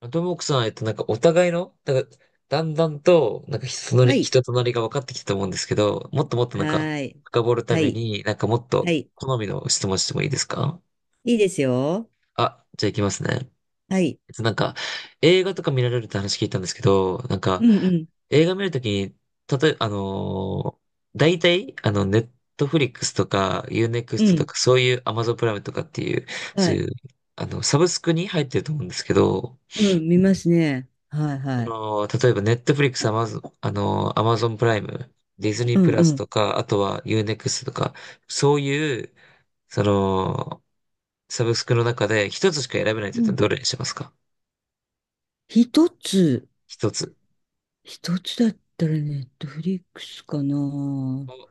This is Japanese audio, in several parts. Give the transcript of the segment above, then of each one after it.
あともくさん、なんかお互いの、なんか、だんだんと、なんか人となはり、い。人となりが分かってきたと思うんですけど、もっともっとはなんか、ーい。深掘るたはめい。に、なんかもっはとい。好みの質問してもいいですか？いいですよ。あ、じゃあ行きますね。はい。なんか、映画とか見られるって話聞いたんですけど、なんか、うんうん。映画見るときに、たとえ、大体、ネットフリックスとか、ユーネクうストとん。か、そういうアマゾンプライムとかっていう、はそうい。いう、サブスクに入ってると思うんですけど、うん。見ますね。はいそはい。の、例えば、ネットフリックス、アマゾン、アマゾンプライム、ディズニーうプんラうスとん。か、あとはユーネクストとか、そういう、その、サブスクの中で一つしか選べないってう言ったらん。どれにしますか？一つ。一つ。一つだったらネットフリックスかな。お、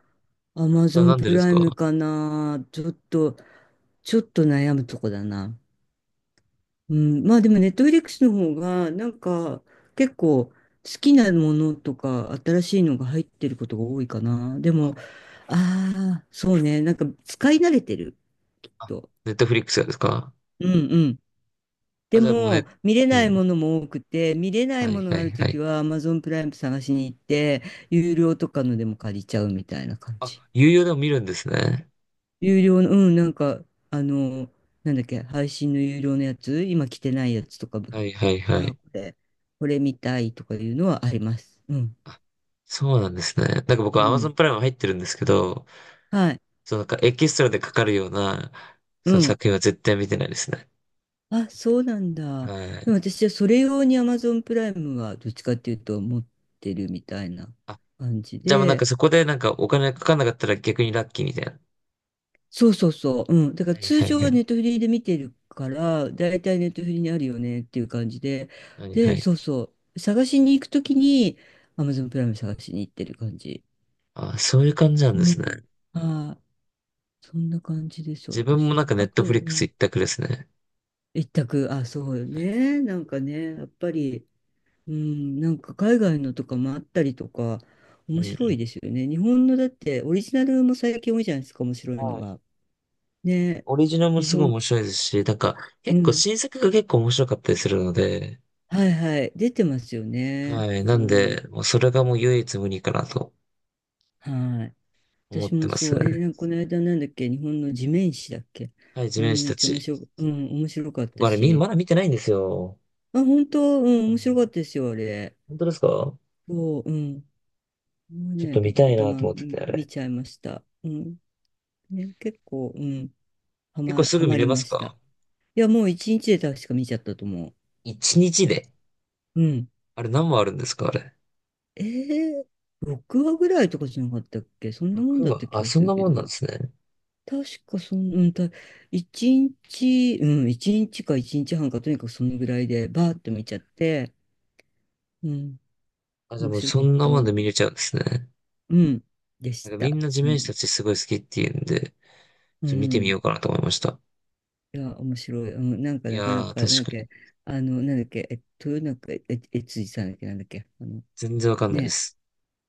アマそゾれはンなんでプですライムか？かな。ちょっと悩むとこだな。うん、まあでもネットフリックスの方が結構好きなものとか新しいのが入ってることが多いかな。であ、も、ああ、そうね。なんか使い慣れてる、きっあ、と。ネットフリックスがですか？うんうん。あ、でじゃあもうもね、見れうないん。ものも多くて、見れないはいものはがあいるはときい。は Amazon プライム探しに行って、有料とかのでも借りちゃうみたいな感あ、じ。有料でも見るんですね。有料の、うん、なんかあの、なんだっけ、配信の有料のやつ、今来てないやつとかはいはいはい。で、これ見たいとかいうのはあります。うん。あ、そうなんですね。なんか僕、うアマゾん。ンプライム入ってるんですけど、はい。そう、なんかエキストラでかかるような、うそのん。作品は絶対見てないですね。あ、そうなんだ。はでい。も私はそれ用に Amazon プライムはどっちかっていうと持ってるみたいなあ、感じじゃあまあなんかで。そこでなんかお金かかんなかったら逆にラッキーみたいな。そうそうそう。うん。だからはい通はい常ははい。ネットフリーで見てるから、だいたいネットフリーにあるよねっていう感じで。はいはで、い。そうそう。探しに行くときに Amazon プライム探しに行ってる感じ。あ、そういう感じなんうですん。ね。ああ、そんな感じです、自分も私なんの。かネあットフと、リうックスん一択ですね。一択、あ、そうよね。なんかね、やっぱり、うん、なんか海外のとかもあったりとか、うん面う白いでん。すよね。日本のだって、オリジナルも最近多いじゃないですか、面白いのはい。が。ね、オリジナルも日すごい本、面白いですし、なんかう結構ん、新作が結構面白かったりするので、はいはい、出てますよね。はい。なんそう、で、もうそれがもう唯一無二かなとはい。思っ私てもますそう、ね。なんかこの間なんだっけ、日本の地面師だっけ。はい、あ地れ面も師めったちゃ面ち。白、うん、面白かった僕あれみ、し。まだ見てないんですよ。あ、本当、うん、う面白かっん。たですよ、あれ。本当ですか？そう、うん。もうちょっとね、た見たまいたなま、とうん思ってて、あ見れ。ちゃいました。うん。ね、結構、うん。は結構ま、すはぐ見まれりますました。か？いや、もう一日で確か見ちゃったと思一日で。う。うん。あれ、何話あるんですか？あれ。えー、6話ぐらいとかじゃなかったっけ。そんなもん6だっ話。たあ、気がそすんるなけもどんなんな。ですね。確かそん、うん、た、一日、うん、一日か一日半か、とにかくそのぐらいで、バーッと見ちゃって、うん、あ、じゃあ面もう白そかっんなた。もんで見れちゃうんですね。うん、でなしんかみた。んな地そ面ん師な。たちすごい好きっていうんで、ちょっうと見てみん。ようかなと思いました。いや、面白い。うん、なんか、いなかなやー、か、なんだっ確かに。け、なんだっけ、え、豊中え悦司さんだっけ、なんだっけ、あの、全然わかんないでね、す。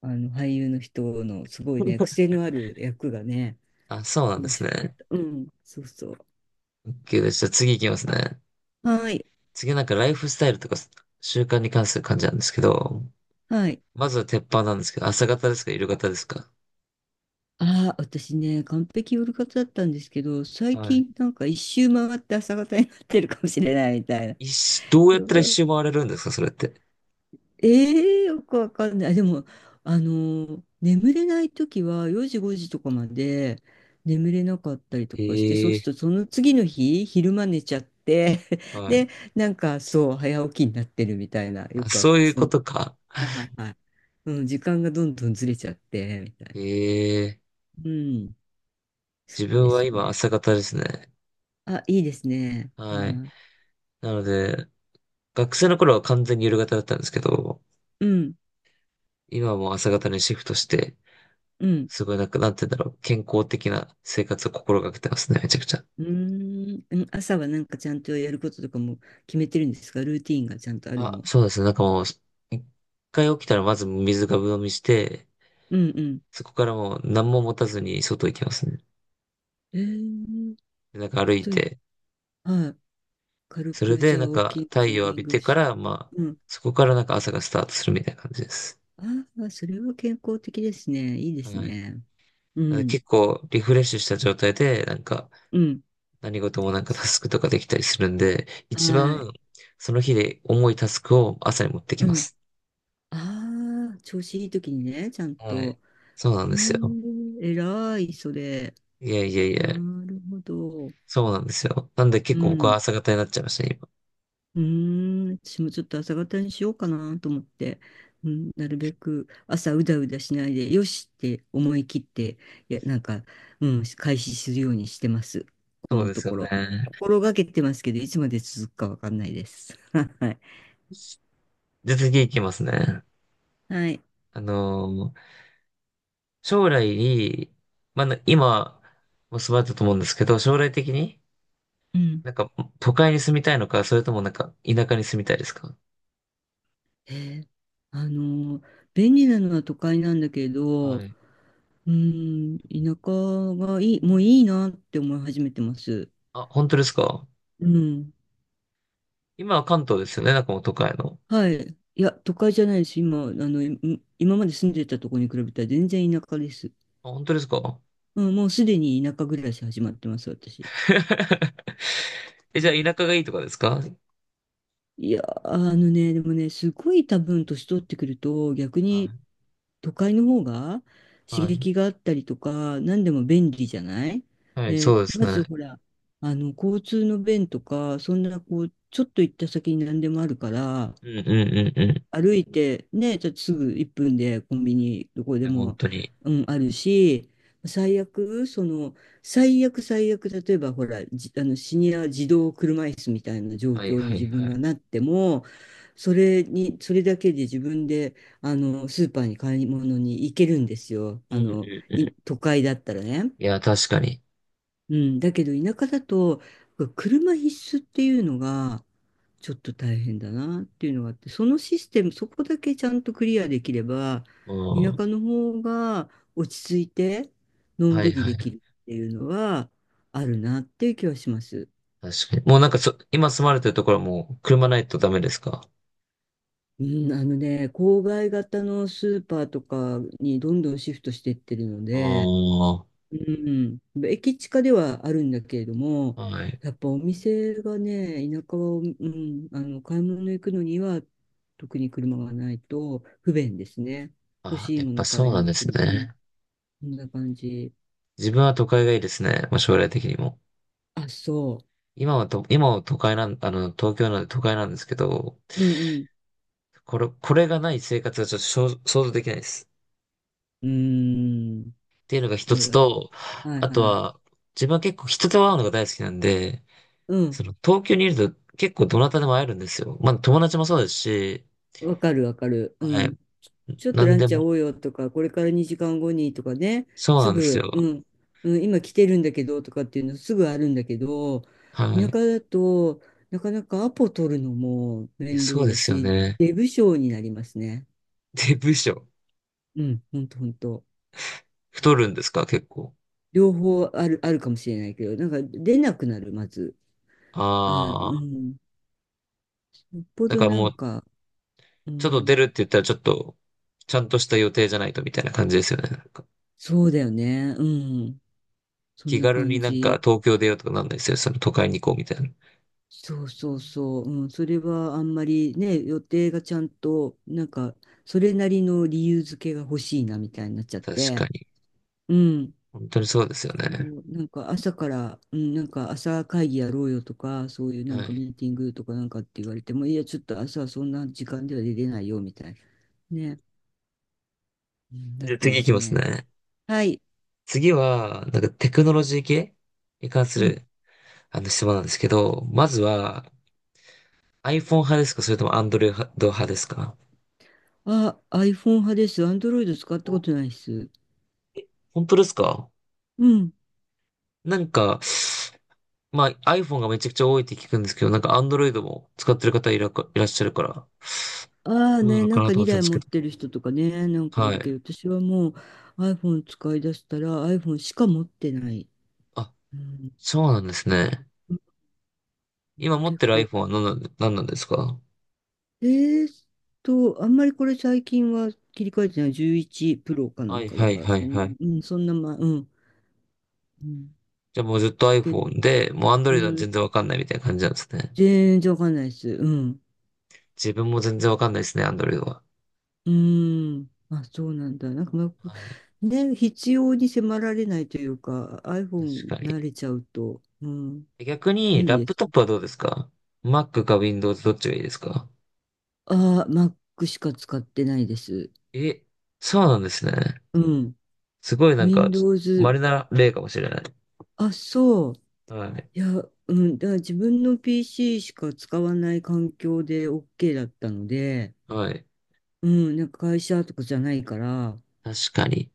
あの、俳優の人の、すごいね、癖のある役がね、あ、そうなんで面す白かっね。た。うん、そうそう。OK です。じゃあ次行きますね。はい、次なんかライフスタイルとか習慣に関する感じなんですけど、はい。まずは鉄板なんですけど、朝方ですか、夕方ですか？ああ、私ね、完璧夜活だったんですけど、最はい。近、なんか一周回って朝方になってるかもしれないみたいな。一周、どうやったら一周回れるんですかそれって？よくわかんない。あでも、あの、眠れないときは4時5時とかまで眠れなかったりとかして、そうすええ、るとその次の日、昼間寝ちゃって、はい。で、なんかそう、早起きになってるみたいな、よあ、くわそういうそんこな、とか。はいはいはい。うん、時間がどんどんずれちゃって、みたいな。ええ、うん、そ自う分ではす今ね。朝方ですね。あ、いいですね。はい。はなので、学生の頃は完全に夜型だったんですけど、い、うん、今はもう朝方にシフトして、うん。すごいなんか、なんて言うんだろう、健康的な生活を心がけてますね、めちゃくちゃ。うーん、うん、朝はなんかちゃんとやることとかも決めてるんですか？ルーティーンがちゃんとあるあ、の？そうですね。なんかもう、一回起きたらまず水がぶ飲みして、うんうん。そこからもう何も持たずに外行きますね。えーっでなんか歩いい、て、はい。軽それくじで、ゃあ、なんウォーか、キング、太ジョ陽を浴ギンびグてかし、ら、まうあ、ん。そこからなんか朝がスタートするみたいな感じです。ああ、それは健康的ですね。いいではい。すだかね。うらん。結構、リフレッシュした状態で、なんか、うん。何事もなんかタスクとかできたりするんで、一はい。番、その日で重いタスクを朝に持ってきうまん。す。ああ、調子いい時にね、ちゃんはい。と。そうなんへでえ、すよ。偉い、それ。いやいやいなや、るほど。そうなんですよ。なんでう結構僕はん。朝方になっちゃいましたね、今。うーん、私もちょっと朝方にしようかなと思って、うん、なるべく朝うだうだしないで、よしって思い切って、いや、なんか、うん、開始するようにしてます。こそうのでとすよころ。ね。心がけてますけど、いつまで続くかわかんないです。はい。じゃあ次行きますね。はい。あのうん。なんか、都会に住みたいのか、それともなんか、田舎に住みたいですか？えーあのー、便利なのは都会なんだけど、はい。うん、田舎がいい、もういいなって思い始めてます。あ、本当ですか？うん。今は関東ですよね、なんかもう都会の。はい。いや、都会じゃないです。今、あの、い今まで住んでたところに比べたら全然田舎です。あ、本当ですか？ うん、もうすでに田舎暮らし始まってます、私。え、うじゃん、あ田舎がいいとかですか？はい。いや、あのね、でもね、すごい多分年取ってくると、逆に都会の方が刺はい。激があったりとか、何でも便利じゃない。はい、そで、うですまずね。ほら、あの、交通の便とか、そんなこう、ちょっと行った先に何でもあるから、うんうんうんうん。い歩いてね、ちょっとすぐ1分でコンビニどこでや、本も、当に。うん、あるし、最悪、その、最悪最悪、例えばほら、じ、あの、シニア児童車椅子みたいな状はい況にはい自分はい。がなっても、それに、それだけで自分で、あの、スーパーに買い物に行けるんですよ。うあんうの、んういん。都会だったらね。いや、確かに。うん、だけど田舎だと車必須っていうのがちょっと大変だなっていうのがあって、そのシステム、そこだけちゃんとクリアできればう田ん。舎の方が落ち着いてのんはいびりはでい。きるっていうのはあるなっていう気はします。確かに。もうなんか今住まれてるところはもう車ないとダメですか？うん、あのね、郊外型のスーパーとかにどんどんシフトしてってるので、ああうん、駅近ではあるんだけれども、ー、はい。やっぱお店がね、田舎は、うん、あの、買い物行くのには、特に車がないと不便ですね。欲あ、しいやっもぱのそ買ういなんにで行くすの。うん、ね。こんな感じ。自分は都会がいいですね。まあ、将来的にも。あ、そ今は都会東京なんで都会なんですけど、う。うんこれがない生活はちょっと想像できないです。うん。うーん。っていうのが一あつる。と、はいあとはい。は、自分は結構人と会うのが大好きなんで、うん。その、東京にいると結構どなたでも会えるんですよ。まあ、友達もそうですし、わかるわかる。うはい。ん。ち、ちょっと何ランでチ会も。おうよとか、これから2時間後にとかね、そうすなんですぐ、よ。うん、うん、今来てるんだけどとかっていうのすぐあるんだけど、は田い。舎いだとなかなかアポ取るのもや、面そう倒でだすよし、ね。出不精になりますね。で、部署。うん、ほんとほんと。う太るん、んですか、結構。両方ある、あるかもしれないけど、なんか出なくなる、まず。あ、あうあ。ん。よっぽだどからなもんう、か、うちょっと出ん、るって言ったらちょっと、ちゃんとした予定じゃないとみたいな感じですよね。なんかそうだよね。うん。そん気な軽感になんじ。か東京出ようとかなんないですよ。その都会に行こうみたいな。そうそうそう、うん、それはあんまりね、予定がちゃんと、なんか、それなりの理由付けが欲しいなみたいになっちゃっ確かて、に。うん、本当にそうですよそね。う、なんか朝から、うん、なんか朝会議やろうよとか、そういうなはんかい。ミーティングとかなんかって言われても、いや、ちょっと朝はそんな時間では出れないよみたいな、ね、うん、なっじゃあて次ま行きすますね。ね。はい、次は、なんかテクノロジー系に関すうん。るあの質問なんですけど、まずは iPhone 派ですかそれとも Android 派ですか？あ、iPhone 派です。Android 使ったこお、とないです。本当ですか？うん。なんか、まあ iPhone がめちゃくちゃ多いって聞くんですけど、なんか Android も使ってる方いらっしゃるから、ああどうなね、のなかんなかと思ってた2んで台すけ持っど。てる人とかね、なんかいはるけい。ど、私はもう iPhone 使い出したら iPhone しか持ってない。あ、うん、そうなんですね。うん、今持っ結てる 構。iPhone は何なんですか？えーっと、あんまりこれ最近は切り替えてない11プロかなはんいかだはいから、はそいんはない。に、うん、そんなま、うん。うん、じゃあもうずっと だけど、う iPhone で、もう Android はー、全然わかんないみたいな感じなんですね。全然わかんないです。うん。自分も全然わかんないですね、Android は。うん。あ、そうなんだ。なんか、まはい。あね、必要に迫られないというか、確 iPhone か慣に。れちゃうと、うん、逆に、便利ラッでプす。トップはどうですか？ Mac か Windows どっちがいいですか？ああ、Mac しか使ってないです。え、そうなんですね。うん。すごいなんか、Windows。稀な例かもしれない。あ、そう。はい。いや、うん。だから自分の PC しか使わない環境で OK だったので、はい。うん。なんか会社とかじゃないから、確かに。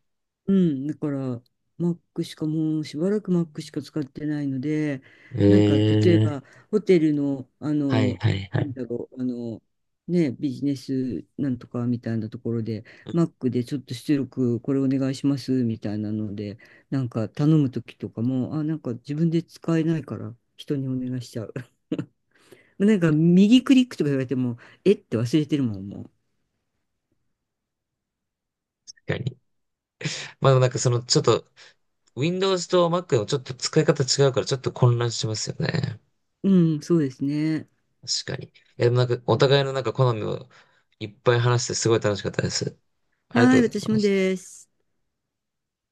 うん、だから Mac しかもうしばらく Mac しか使ってないので、なんか例えええ、ばホテルの、あはいの、はいはなんい。だろう、あの、ね、ビジネスなんとかみたいなところで、確 Mac でちょっと出力これお願いしますみたいなので、なんか頼むときとかも、あ、なんか自分で使えないから人にお願いしちゃう。なんか右クリックとか言われても、えって忘れてるもん、もかに。まあでもなんかそのちょっと Windows と Mac のちょっと使い方違うからちょっと混乱しますよね。う。うん、そうですね。確かに。いやでもなんかおう互ん、いのなんか好みをいっぱい話してすごい楽しかったです。ありがとはい、うござい私まもす。です。